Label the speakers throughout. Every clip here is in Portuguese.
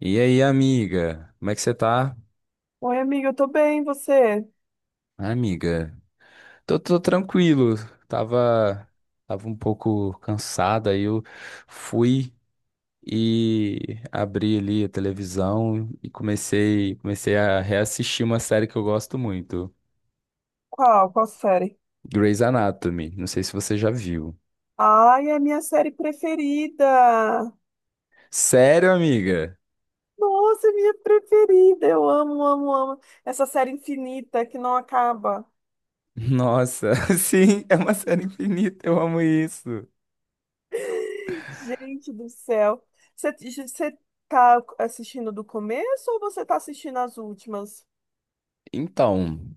Speaker 1: E aí, amiga? Como é que você tá?
Speaker 2: Oi, amiga, eu tô bem, e você?
Speaker 1: Ah, amiga, tô tranquilo. Tava, tava um pouco cansado, aí eu fui e abri ali a televisão e comecei a reassistir uma série que eu gosto muito,
Speaker 2: Qual série?
Speaker 1: Grey's Anatomy. Não sei se você já viu.
Speaker 2: Ai, é a minha série preferida!
Speaker 1: Sério, amiga?
Speaker 2: Nossa, é minha preferida! Eu amo, amo, amo essa série infinita que não acaba.
Speaker 1: Nossa, sim, é uma série infinita, eu amo isso.
Speaker 2: Gente do céu! Você, você tá assistindo do começo ou você tá assistindo as últimas?
Speaker 1: Então,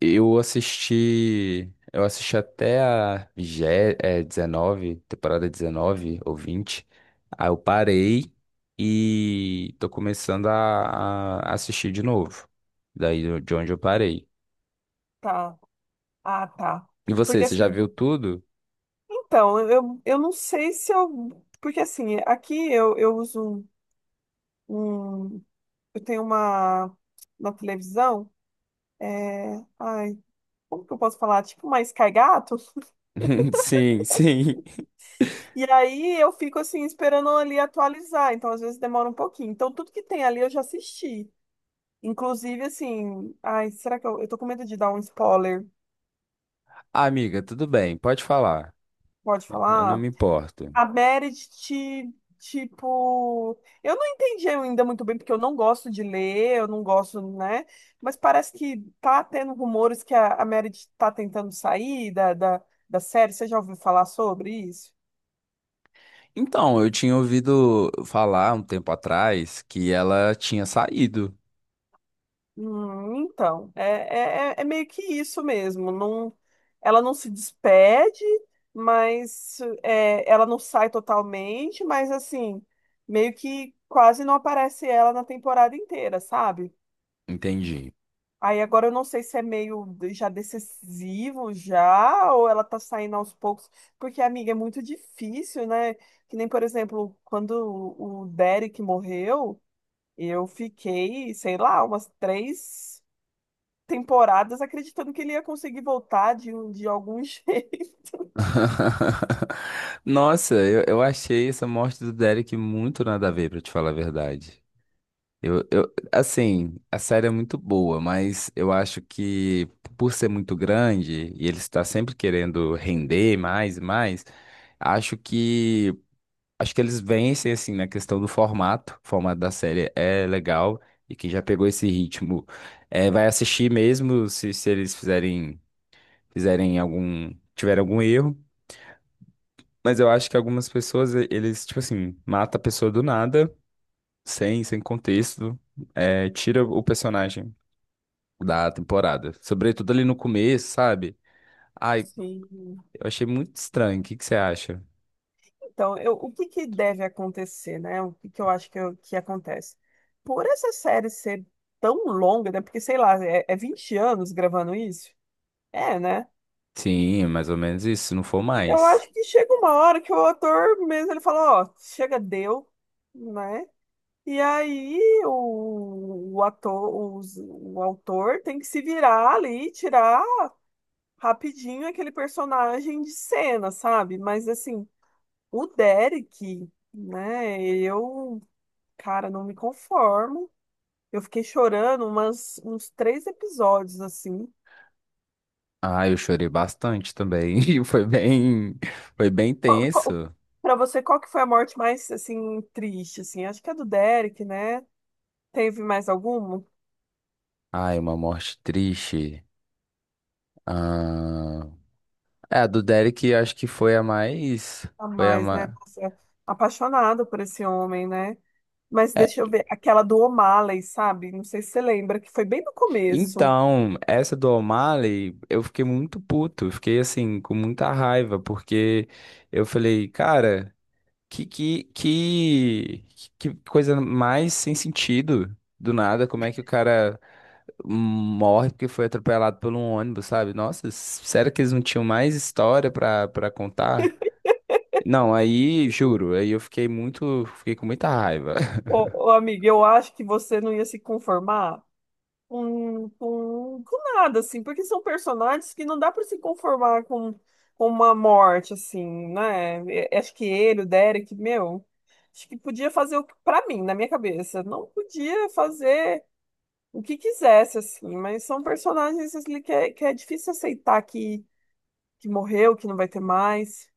Speaker 1: eu assisti. Eu assisti até a 19, temporada 19 ou 20. Aí eu parei e tô começando a assistir de novo. De onde eu parei.
Speaker 2: Tá. Ah, tá.
Speaker 1: E
Speaker 2: Porque
Speaker 1: você já
Speaker 2: assim,
Speaker 1: viu tudo?
Speaker 2: então, eu não sei se eu. Porque assim, aqui eu uso um. um- Eu tenho uma. Na televisão. É, ai, como que eu posso falar? Tipo uma Sky Gato.
Speaker 1: Sim, sim.
Speaker 2: E aí eu fico assim esperando ali atualizar, então às vezes demora um pouquinho. Então tudo que tem ali eu já assisti. Inclusive assim, ai, será que eu tô com medo de dar um spoiler?
Speaker 1: Ah, amiga, tudo bem, pode falar.
Speaker 2: Pode
Speaker 1: Eu não
Speaker 2: falar?
Speaker 1: me importo.
Speaker 2: A Meredith, tipo, eu não entendi ainda muito bem porque eu não gosto de ler, eu não gosto, né? Mas parece que tá tendo rumores que a Meredith tá tentando sair da série. Você já ouviu falar sobre isso?
Speaker 1: Então, eu tinha ouvido falar um tempo atrás que ela tinha saído.
Speaker 2: Então, é meio que isso mesmo. Não, ela não se despede, mas é, ela não sai totalmente, mas assim, meio que quase não aparece ela na temporada inteira, sabe?
Speaker 1: Entendi.
Speaker 2: Aí agora eu não sei se é meio já decisivo já, ou ela tá saindo aos poucos, porque, amiga, é muito difícil, né? Que nem, por exemplo, quando o Derek morreu, eu fiquei, sei lá, umas três temporadas acreditando que ele ia conseguir voltar de algum jeito.
Speaker 1: Nossa, eu achei essa morte do Derek muito nada a ver, pra te falar a verdade. Assim, a série é muito boa, mas eu acho que por ser muito grande e ele está sempre querendo render mais e mais, acho que acho que eles vencem assim na questão do formato. O formato da série é legal e quem já pegou esse ritmo vai assistir mesmo se eles fizerem fizerem algum tiver algum erro. Mas eu acho que algumas eles, tipo assim, mata a pessoa do nada, sem contexto, é, tira o personagem da temporada. Sobretudo ali no começo, sabe? Ai,
Speaker 2: Sim.
Speaker 1: eu achei muito estranho. O que que você acha?
Speaker 2: Então, o que que deve acontecer, né? O que que eu acho que, que acontece? Por essa série ser tão longa, né? Porque, sei lá, é 20 anos gravando isso? É, né?
Speaker 1: Sim, mais ou menos isso, se não for
Speaker 2: Eu
Speaker 1: mais.
Speaker 2: acho que chega uma hora que o ator mesmo, ele fala, ó, chega, deu, né? E aí o ator, o autor tem que se virar ali, tirar rapidinho aquele personagem de cena, sabe? Mas assim, o Derek, né? Eu, cara, não me conformo. Eu fiquei chorando uns três episódios, assim.
Speaker 1: Ai, eu chorei bastante também. E foi foi bem
Speaker 2: Qual, qual-
Speaker 1: tenso.
Speaker 2: pra você, qual que foi a morte mais, assim, triste, assim? Acho que é do Derek, né? Teve mais alguma?
Speaker 1: Ai, uma morte triste. Ah... É, a do Derek acho que foi a mais.
Speaker 2: A
Speaker 1: Foi a
Speaker 2: mais, né?
Speaker 1: mais.
Speaker 2: Nossa, apaixonada por esse homem, né? Mas deixa eu ver, aquela do O'Malley, sabe? Não sei se você lembra, que foi bem no começo.
Speaker 1: Então, essa do O'Malley, eu fiquei muito puto, eu fiquei assim, com muita raiva, porque eu falei, cara, que, que, que, que coisa mais sem sentido, do nada, como é que o cara morre porque foi atropelado por um ônibus, sabe? Nossa, sério que eles não tinham mais história pra contar? Não, aí, juro, aí eu fiquei fiquei com muita raiva.
Speaker 2: Ô, amiga, eu acho que você não ia se conformar com, com nada, assim, porque são personagens que não dá para se conformar com uma morte, assim, né? Acho que ele, o Derek, meu, acho que podia fazer o que, pra mim, na minha cabeça, não podia fazer o que quisesse, assim, mas são personagens assim, que é difícil aceitar que morreu, que não vai ter mais.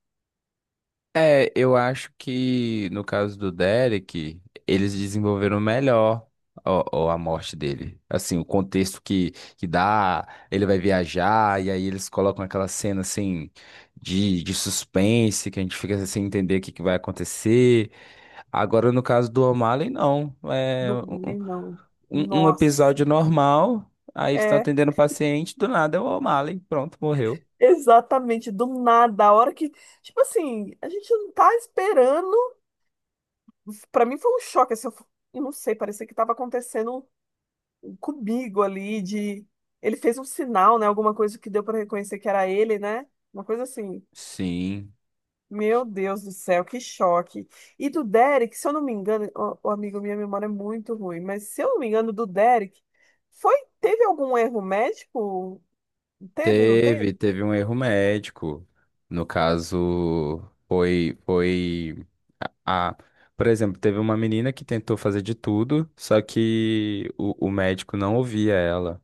Speaker 1: É, eu acho que no caso do Derek, eles desenvolveram melhor a morte dele. Assim, o contexto que dá, ele vai viajar, e aí eles colocam aquela cena assim de suspense, que a gente fica sem entender o que vai acontecer. Agora, no caso do O'Malley, não. É
Speaker 2: Não, não.
Speaker 1: um
Speaker 2: Nossa.
Speaker 1: episódio normal, aí eles estão
Speaker 2: É,
Speaker 1: atendendo o paciente, do nada é o O'Malley, pronto, morreu.
Speaker 2: exatamente, do nada, a hora que, tipo assim, a gente não tá esperando. Pra mim foi um choque, assim, eu não sei, parecia que tava acontecendo comigo ali de ele fez um sinal, né, alguma coisa que deu pra reconhecer que era ele, né? Uma coisa assim.
Speaker 1: Sim.
Speaker 2: Meu Deus do céu, que choque. E do Derek, se eu não me engano, o amigo, minha memória é muito ruim, mas se eu não me engano, do Derek, foi, teve algum erro médico? Teve, não teve?
Speaker 1: Teve um erro médico. No caso, foi a, a- por exemplo, teve uma menina que tentou fazer de tudo, só que o médico não ouvia ela.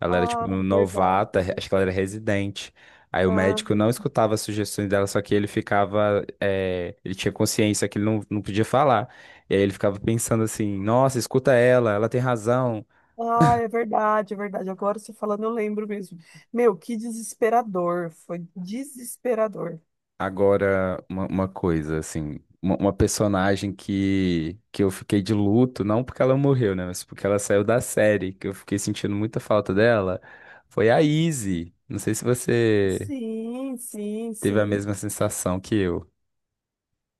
Speaker 1: Ela era
Speaker 2: Ah,
Speaker 1: tipo
Speaker 2: é verdade.
Speaker 1: novata, acho que ela era residente. Aí o
Speaker 2: Ah.
Speaker 1: médico não escutava as sugestões dela, só que ele ficava, ele tinha consciência que ele não podia falar. E aí ele ficava pensando assim, nossa, escuta ela, ela tem razão.
Speaker 2: Ah, é verdade, é verdade. Agora você falando, eu lembro mesmo. Meu, que desesperador. Foi desesperador.
Speaker 1: Agora, uma coisa, assim, uma personagem que eu fiquei de luto, não porque ela morreu, né, mas porque ela saiu da série, que eu fiquei sentindo muita falta dela, foi a Izzy. Não sei se você
Speaker 2: Sim, sim,
Speaker 1: teve a
Speaker 2: sim.
Speaker 1: mesma sensação que eu.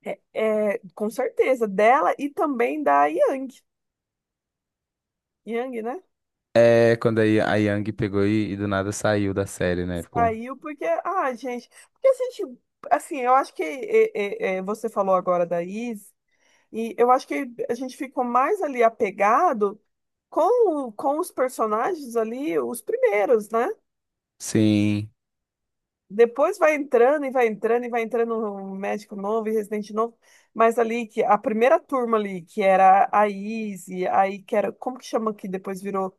Speaker 2: É, com certeza, dela e também da Yang. Yang, né?
Speaker 1: É, quando a Yang pegou e do nada saiu da série, né? Ficou.
Speaker 2: Saiu porque, ah, gente, porque se a gente, assim, eu acho que é, você falou agora da Is, e eu acho que a gente ficou mais ali apegado com os personagens ali, os primeiros, né?
Speaker 1: Sim,
Speaker 2: Depois vai entrando e vai entrando e vai entrando um médico novo e residente novo. Mas ali que a primeira turma ali, que era a Izzy, aí que era, como que chama que depois virou,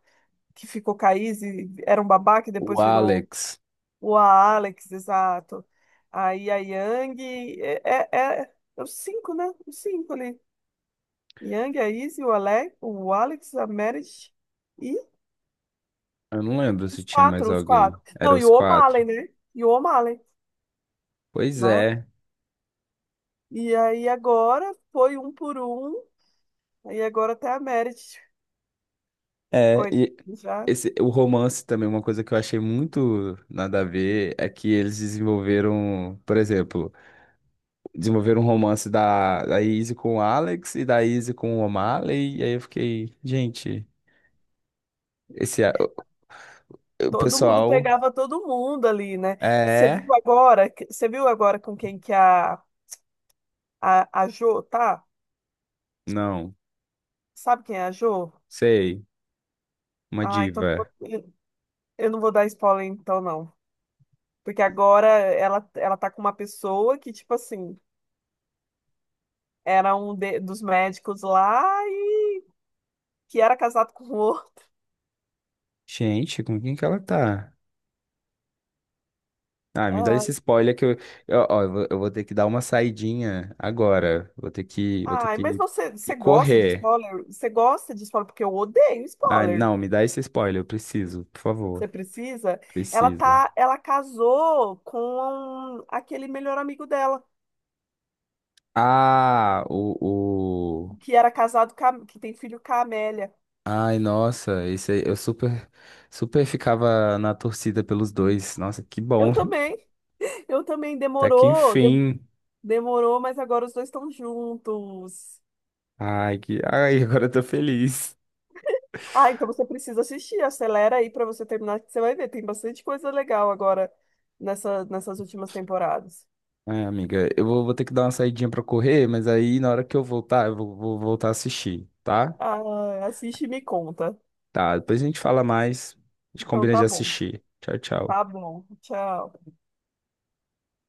Speaker 2: que ficou com a Izzy, era um babá que
Speaker 1: o
Speaker 2: depois virou
Speaker 1: Alex.
Speaker 2: o Alex, exato. Aí a Yang, é os cinco, né? Os cinco ali. Yang, a Izzy, o Alex, a Meredith e
Speaker 1: Eu não lembro se
Speaker 2: os
Speaker 1: tinha mais
Speaker 2: quatro, os quatro.
Speaker 1: alguém. Era
Speaker 2: Não, e
Speaker 1: os
Speaker 2: o O'Malley,
Speaker 1: quatro.
Speaker 2: né? E o O'Malley,
Speaker 1: Pois
Speaker 2: né?
Speaker 1: é.
Speaker 2: E aí agora foi um por um, aí agora até a Merit,
Speaker 1: É,
Speaker 2: coitada,
Speaker 1: e
Speaker 2: já
Speaker 1: esse, o romance também, uma coisa que eu achei muito nada a ver, é que eles desenvolveram, por exemplo, desenvolveram um romance da Izzy com o Alex e da Izzy com o O'Malley, e aí eu fiquei, gente, esse, a- o
Speaker 2: todo mundo
Speaker 1: pessoal
Speaker 2: pegava todo mundo ali, né? Você viu
Speaker 1: é,
Speaker 2: agora, você viu agora com quem que a Jo tá?
Speaker 1: não,
Speaker 2: Sabe quem é a Jo?
Speaker 1: sei, uma
Speaker 2: Ah, então
Speaker 1: diva.
Speaker 2: eu eu não vou dar spoiler então não, porque agora ela tá com uma pessoa que tipo assim, era um dos médicos lá e que era casado com outro.
Speaker 1: Gente, com quem que ela tá? Ah, me dá esse spoiler que eu, ó, eu vou ter que dar uma saidinha agora, vou ter
Speaker 2: Ai, mas
Speaker 1: que
Speaker 2: você,
Speaker 1: ir
Speaker 2: você gosta de
Speaker 1: correr.
Speaker 2: spoiler? Você gosta de spoiler? Porque eu odeio
Speaker 1: Ai,
Speaker 2: spoiler.
Speaker 1: não, me dá esse spoiler, eu preciso, por favor.
Speaker 2: Você precisa? Ela
Speaker 1: Precisa.
Speaker 2: tá, ela casou com aquele melhor amigo dela,
Speaker 1: Ah, o...
Speaker 2: que era casado com que tem filho com a Amélia.
Speaker 1: Ai, nossa, esse aí, super ficava na torcida pelos dois. Nossa, que bom.
Speaker 2: Eu também, eu também
Speaker 1: Até que
Speaker 2: demorou,
Speaker 1: enfim.
Speaker 2: demorou, mas agora os dois estão juntos.
Speaker 1: Ai, que... Ai, agora eu tô feliz.
Speaker 2: Ah, então você precisa assistir, acelera aí pra você terminar, que você vai ver, tem bastante coisa legal agora nessas últimas temporadas.
Speaker 1: Ai, amiga, vou ter que dar uma saidinha pra correr, mas aí na hora que eu voltar, vou voltar a assistir, tá?
Speaker 2: Ah, assiste e me conta.
Speaker 1: Tá, depois a gente fala mais, a gente
Speaker 2: Então
Speaker 1: combina de
Speaker 2: tá bom.
Speaker 1: assistir. Tchau, tchau.
Speaker 2: Tá bom, tchau.